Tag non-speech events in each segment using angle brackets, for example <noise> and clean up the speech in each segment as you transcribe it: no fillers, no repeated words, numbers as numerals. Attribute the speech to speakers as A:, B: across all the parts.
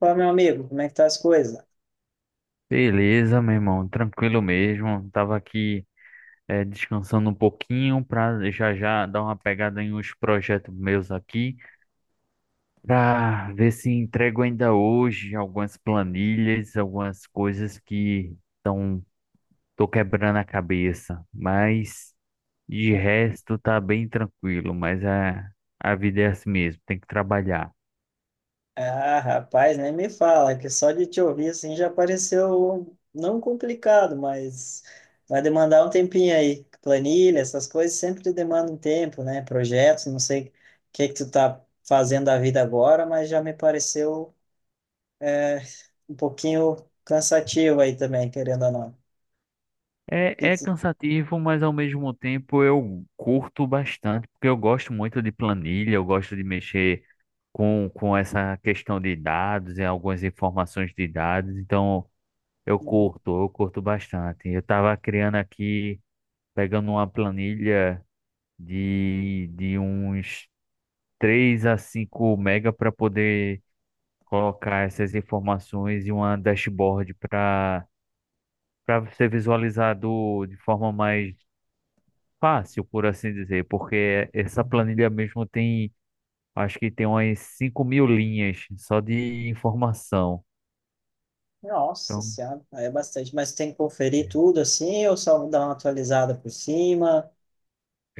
A: Pô, meu amigo, como é que tá as coisas?
B: Beleza, meu irmão, tranquilo mesmo. Tava aqui, descansando um pouquinho para já já dar uma pegada em uns projetos meus aqui, para ver se entrego ainda hoje algumas planilhas, algumas coisas que estão tô quebrando a cabeça. Mas de resto tá bem tranquilo, mas a vida é assim mesmo, tem que trabalhar.
A: Ah, rapaz, nem me fala, que só de te ouvir assim já pareceu não complicado, mas vai demandar um tempinho aí. Planilha, essas coisas sempre demandam um tempo, né? Projetos, não sei o que é que tu tá fazendo da vida agora, mas já me pareceu é, um pouquinho cansativo aí também, querendo ou não. Que
B: É,
A: que
B: é
A: tu-
B: cansativo, mas ao mesmo tempo eu curto bastante, porque eu gosto muito de planilha, eu gosto de mexer com essa questão de dados e algumas informações de dados, então eu
A: Uhum,
B: curto, eu curto bastante. Eu estava criando aqui, pegando uma planilha de uns 3 a 5 MB para poder colocar essas informações e uma dashboard para ser visualizado de forma mais fácil, por assim dizer, porque essa
A: uhum.
B: planilha mesmo tem, acho que tem umas 5.000 linhas só de informação.
A: Nossa
B: Então,
A: Senhora, aí é bastante, mas tem que conferir tudo assim ou só dar uma atualizada por cima?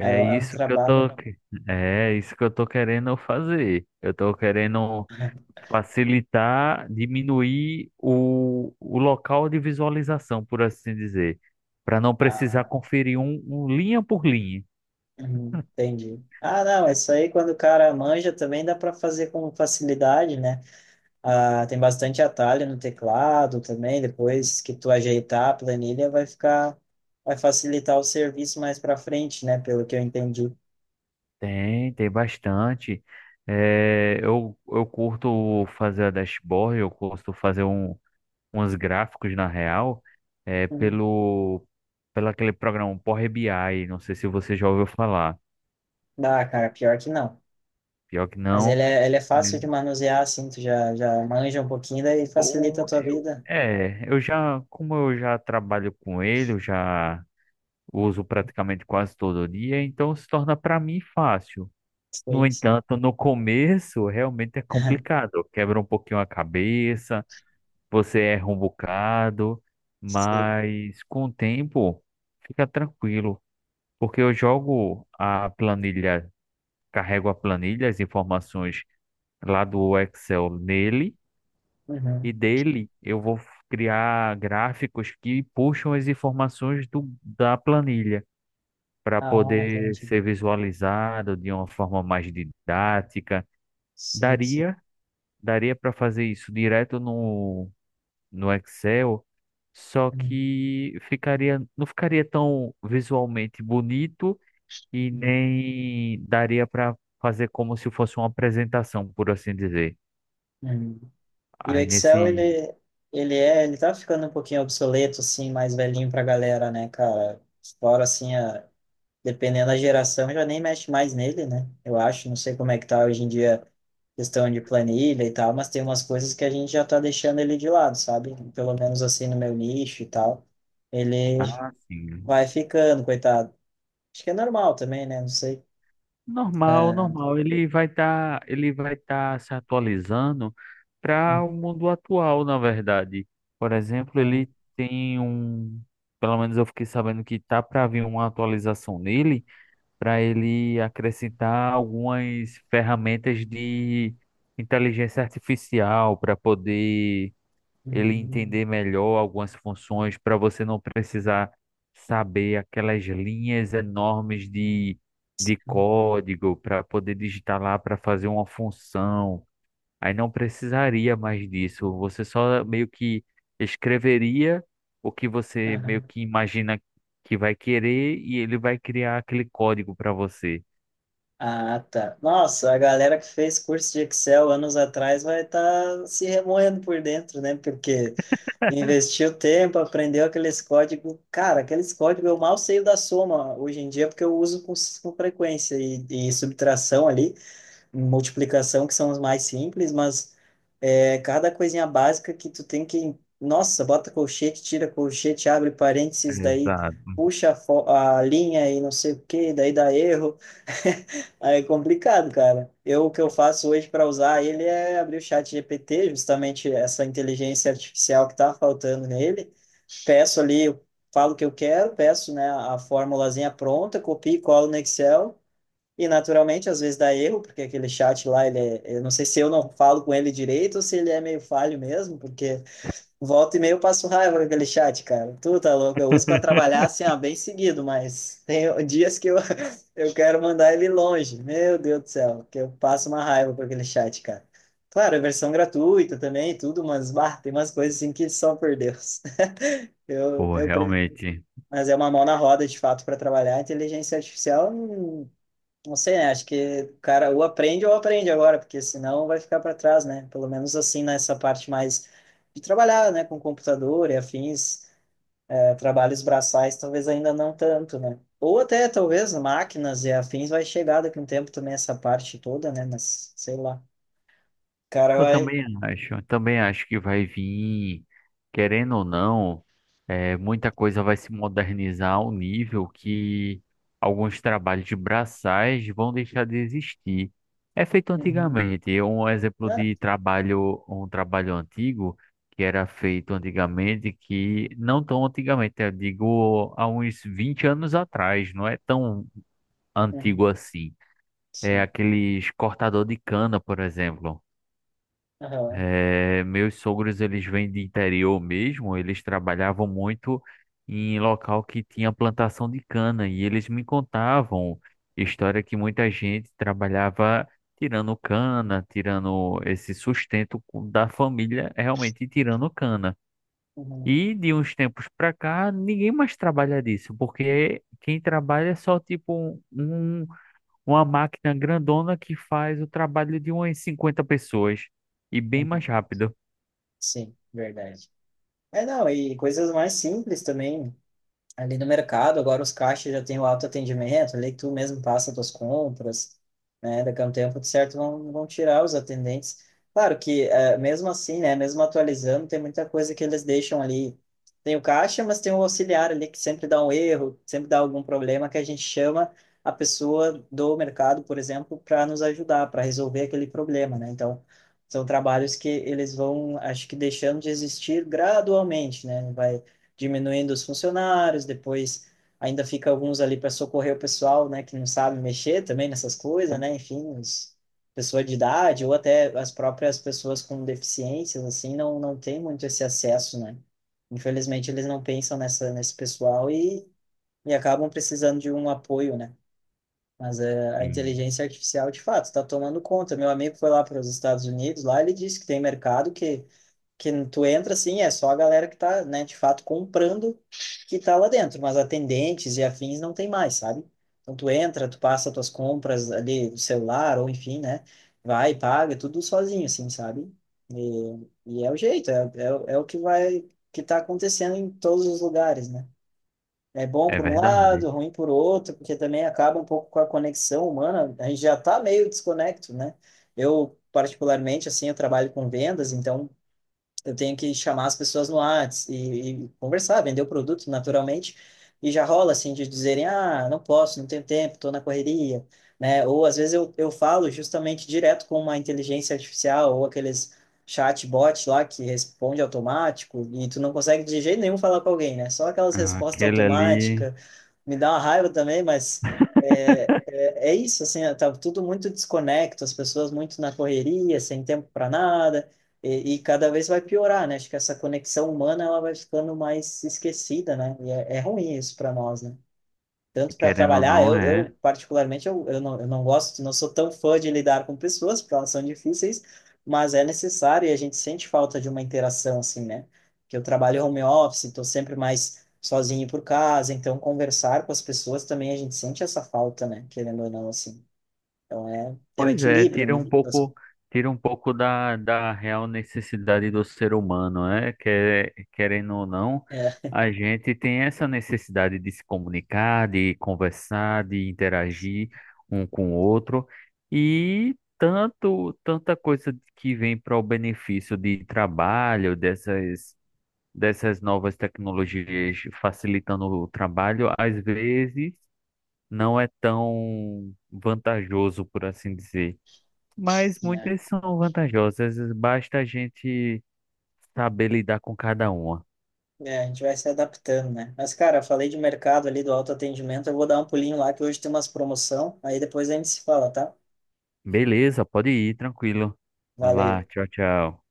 A: É, é um
B: isso que
A: trabalho.
B: é isso que eu tô querendo fazer. Eu tô querendo facilitar, diminuir o local de visualização, por assim dizer, para não precisar
A: Ah,
B: conferir um linha por linha.
A: entendi. Ah, não, isso aí quando o cara manja também dá para fazer com facilidade, né? Ah, tem bastante atalho no teclado também, depois que tu ajeitar a vai facilitar o serviço mais para frente, né? Pelo que eu entendi.
B: Tem, tem bastante. É, eu curto fazer a dashboard, eu curto fazer um, uns gráficos na real, é,
A: Hum.
B: pelo, pelo aquele programa Power BI, não sei se você já ouviu falar.
A: Ah, cara, pior que não.
B: Pior que
A: Mas
B: não,
A: ele é
B: né?
A: fácil de manusear, assim, já manja um pouquinho daí facilita a
B: Pô,
A: tua
B: eu,
A: vida.
B: é, eu já, como eu já trabalho com ele, eu já uso praticamente quase todo dia, então se torna para mim fácil. No
A: Sim, sim.
B: entanto, no começo realmente é
A: <laughs>
B: complicado, quebra um pouquinho a cabeça, você erra um bocado,
A: Sim.
B: mas com o tempo fica tranquilo. Porque eu jogo a planilha, carrego a planilha, as informações lá do Excel nele, e
A: Uhum.
B: dele eu vou criar gráficos que puxam as informações da planilha para
A: Ah,
B: poder
A: entendi.
B: ser visualizado de uma forma mais didática.
A: Sim, sim.
B: Daria, daria para fazer isso direto no Excel, só
A: Uhum.
B: que ficaria, não ficaria tão visualmente bonito e nem daria para fazer como se fosse uma apresentação, por assim dizer.
A: Hum. E o
B: Aí nesse,
A: Ele tá ficando um pouquinho obsoleto, assim, mais velhinho pra galera, né, cara? Fora, dependendo da geração, já nem mexe mais nele, né? Eu acho, não sei como é que tá hoje em dia questão de planilha e tal, mas tem umas coisas que a gente já tá deixando ele de lado, sabe? Pelo menos, assim, no meu nicho e tal. Ele
B: ah, sim.
A: vai ficando, coitado. Acho que é normal também, né? Não sei.
B: Normal, normal. Ele vai estar se atualizando
A: Hum,
B: para o mundo atual, na verdade. Por exemplo, ele tem um, pelo menos eu fiquei sabendo que tá para vir uma atualização nele, para ele acrescentar algumas ferramentas de inteligência artificial para poder ele
A: hum,
B: entender melhor algumas funções para você não precisar saber aquelas linhas enormes de código para poder digitar lá para fazer uma função. Aí não precisaria mais disso. Você só meio que escreveria o que você meio
A: hum.
B: que imagina que vai querer e ele vai criar aquele código para você.
A: Ah, tá. Nossa, a galera que fez curso de Excel anos atrás vai estar se remoendo por dentro, né? Porque investiu tempo, aprendeu aqueles códigos. Cara, aqueles códigos eu mal sei o da soma hoje em dia, porque eu uso com frequência. E subtração ali, multiplicação, que são os mais simples, mas é, cada coisinha básica que tu tem que. Nossa, bota colchete, tira colchete, abre parênteses, daí
B: Exato.
A: puxa a linha e não sei o que daí dá erro. <laughs> Aí é complicado, cara. Eu, o que eu faço hoje para usar ele é abrir o chat GPT, justamente essa inteligência artificial que está faltando nele. Peço ali, eu falo o que eu quero, peço, né, a formulazinha pronta, copio e colo no Excel e naturalmente, às vezes dá erro, porque aquele chat lá, ele é, eu não sei se eu não falo com ele direito ou se ele é meio falho mesmo, porque volta e meia eu passo raiva com aquele chat, cara. Tu tá louco, eu uso para trabalhar assim, ah, bem seguido, mas tem <laughs> dias que eu, <laughs> eu quero mandar ele longe. Meu Deus do céu, que eu passo uma raiva com aquele chat, cara. Claro, é versão gratuita também, tudo, mas bah, tem umas coisas assim que só por Deus. <laughs> Eu,
B: Pô,
A: eu, pre-
B: realmente.
A: mas é uma mão na roda, de fato, para trabalhar. A inteligência artificial não sei, né? Acho que, o cara, ou aprende agora, porque senão vai ficar para trás, né? Pelo menos assim, nessa parte mais de trabalhar, né, com computador e afins, trabalhos braçais, talvez ainda não tanto, né? Ou até, talvez, máquinas e afins vai chegar daqui a um tempo também essa parte toda, né? Mas, sei lá. O cara
B: Eu
A: vai.
B: também acho, eu também acho que vai vir, querendo ou não, é, muita coisa vai se modernizar ao nível que alguns trabalhos de braçais vão deixar de existir. É feito
A: Uhum.
B: antigamente, um exemplo
A: Ah,
B: de trabalho, um trabalho antigo que era feito antigamente, que não tão antigamente, eu digo há uns 20 anos atrás, não é tão
A: uhum.
B: antigo assim. É
A: Sim.
B: aqueles cortador de cana, por exemplo.
A: Aham.
B: É, meus sogros, eles vêm de interior mesmo, eles trabalhavam muito em local que tinha plantação de cana e eles me contavam história que muita gente trabalhava tirando cana, tirando esse sustento co- da família, realmente tirando cana.
A: Uhum.
B: E de uns tempos pra cá, ninguém mais trabalha disso, porque quem trabalha é só tipo uma máquina grandona que faz o trabalho de umas 50 pessoas e bem mais
A: Uhum.
B: rápido.
A: Sim, verdade. É, não, e coisas mais simples também. Ali no mercado, agora os caixas já têm o autoatendimento, ali que tu mesmo passa tuas compras, né? Daqui a um tempo, de certo, vão tirar os atendentes. Claro que, mesmo assim, né? Mesmo atualizando, tem muita coisa que eles deixam ali. Tem o caixa, mas tem o auxiliar ali que sempre dá um erro, sempre dá algum problema que a gente chama a pessoa do mercado, por exemplo, para nos ajudar, para resolver aquele problema, né? Então, são trabalhos que eles vão, acho que deixando de existir gradualmente, né? Vai diminuindo os funcionários, depois ainda fica alguns ali para socorrer o pessoal, né, que não sabe mexer também nessas coisas, né, enfim, os, pessoa de idade ou até as próprias pessoas com deficiências, assim, não, não tem muito esse acesso, né. Infelizmente, eles não pensam nesse pessoal e acabam precisando de um apoio, né. Mas é, a
B: Sim,
A: inteligência artificial, de fato, está tomando conta. Meu amigo foi lá para os Estados Unidos, lá ele disse que tem mercado que tu entra assim, é só a galera que tá, né, de fato comprando que tá lá dentro, mas atendentes e afins não tem mais, sabe? Então tu entra, tu passa tuas compras ali do celular ou enfim, né? Vai, paga, é tudo sozinho assim, sabe? E é o jeito, é o que vai que tá acontecendo em todos os lugares, né? É bom
B: é
A: por um lado,
B: verdade.
A: ruim por outro, porque também acaba um pouco com a conexão humana. A gente já tá meio desconecto, né? Eu, particularmente, assim, eu trabalho com vendas, então eu tenho que chamar as pessoas no Whats e conversar, vender o produto naturalmente. E já rola assim de dizerem, ah, não posso, não tenho tempo, estou na correria, né? Ou às vezes eu falo justamente direto com uma inteligência artificial ou aqueles chatbot lá que responde automático e tu não consegue de jeito nenhum falar com alguém, né? Só aquelas
B: Ah,
A: respostas
B: aquele ali,
A: automáticas me dá uma raiva também, mas é isso, assim, tá tudo muito desconecto, as pessoas muito na correria, sem tempo para nada, e cada vez vai piorar, né? Acho que essa conexão humana ela vai ficando mais esquecida, né? É ruim isso para nós, né? Tanto para
B: querendo ou
A: trabalhar,
B: não,
A: eu
B: é.
A: particularmente, não, eu não gosto, não sou tão fã de lidar com pessoas, porque elas são difíceis, mas é necessário e a gente sente falta de uma interação, assim, né? Que eu trabalho home office, estou sempre mais sozinho por casa, então conversar com as pessoas também a gente sente essa falta, né? Querendo ou não, assim. Então é um
B: Pois é,
A: equilíbrio, né? Das-
B: tira um pouco da real necessidade do ser humano, né? Querendo ou não,
A: É,
B: a gente tem essa necessidade de se comunicar, de conversar, de interagir um com o outro. E tanta coisa que vem para o benefício de trabalho, dessas. Dessas novas tecnologias facilitando o trabalho, às vezes não é tão vantajoso, por assim dizer. Mas
A: é.
B: muitas são vantajosas, basta a gente saber lidar com cada uma.
A: É, a gente vai se adaptando, né? Mas, cara, eu falei de mercado ali, do autoatendimento, eu vou dar um pulinho lá, que hoje tem umas promoção, aí depois a gente se fala, tá?
B: Beleza, pode ir, tranquilo. Vai lá,
A: Valeu.
B: tchau, tchau.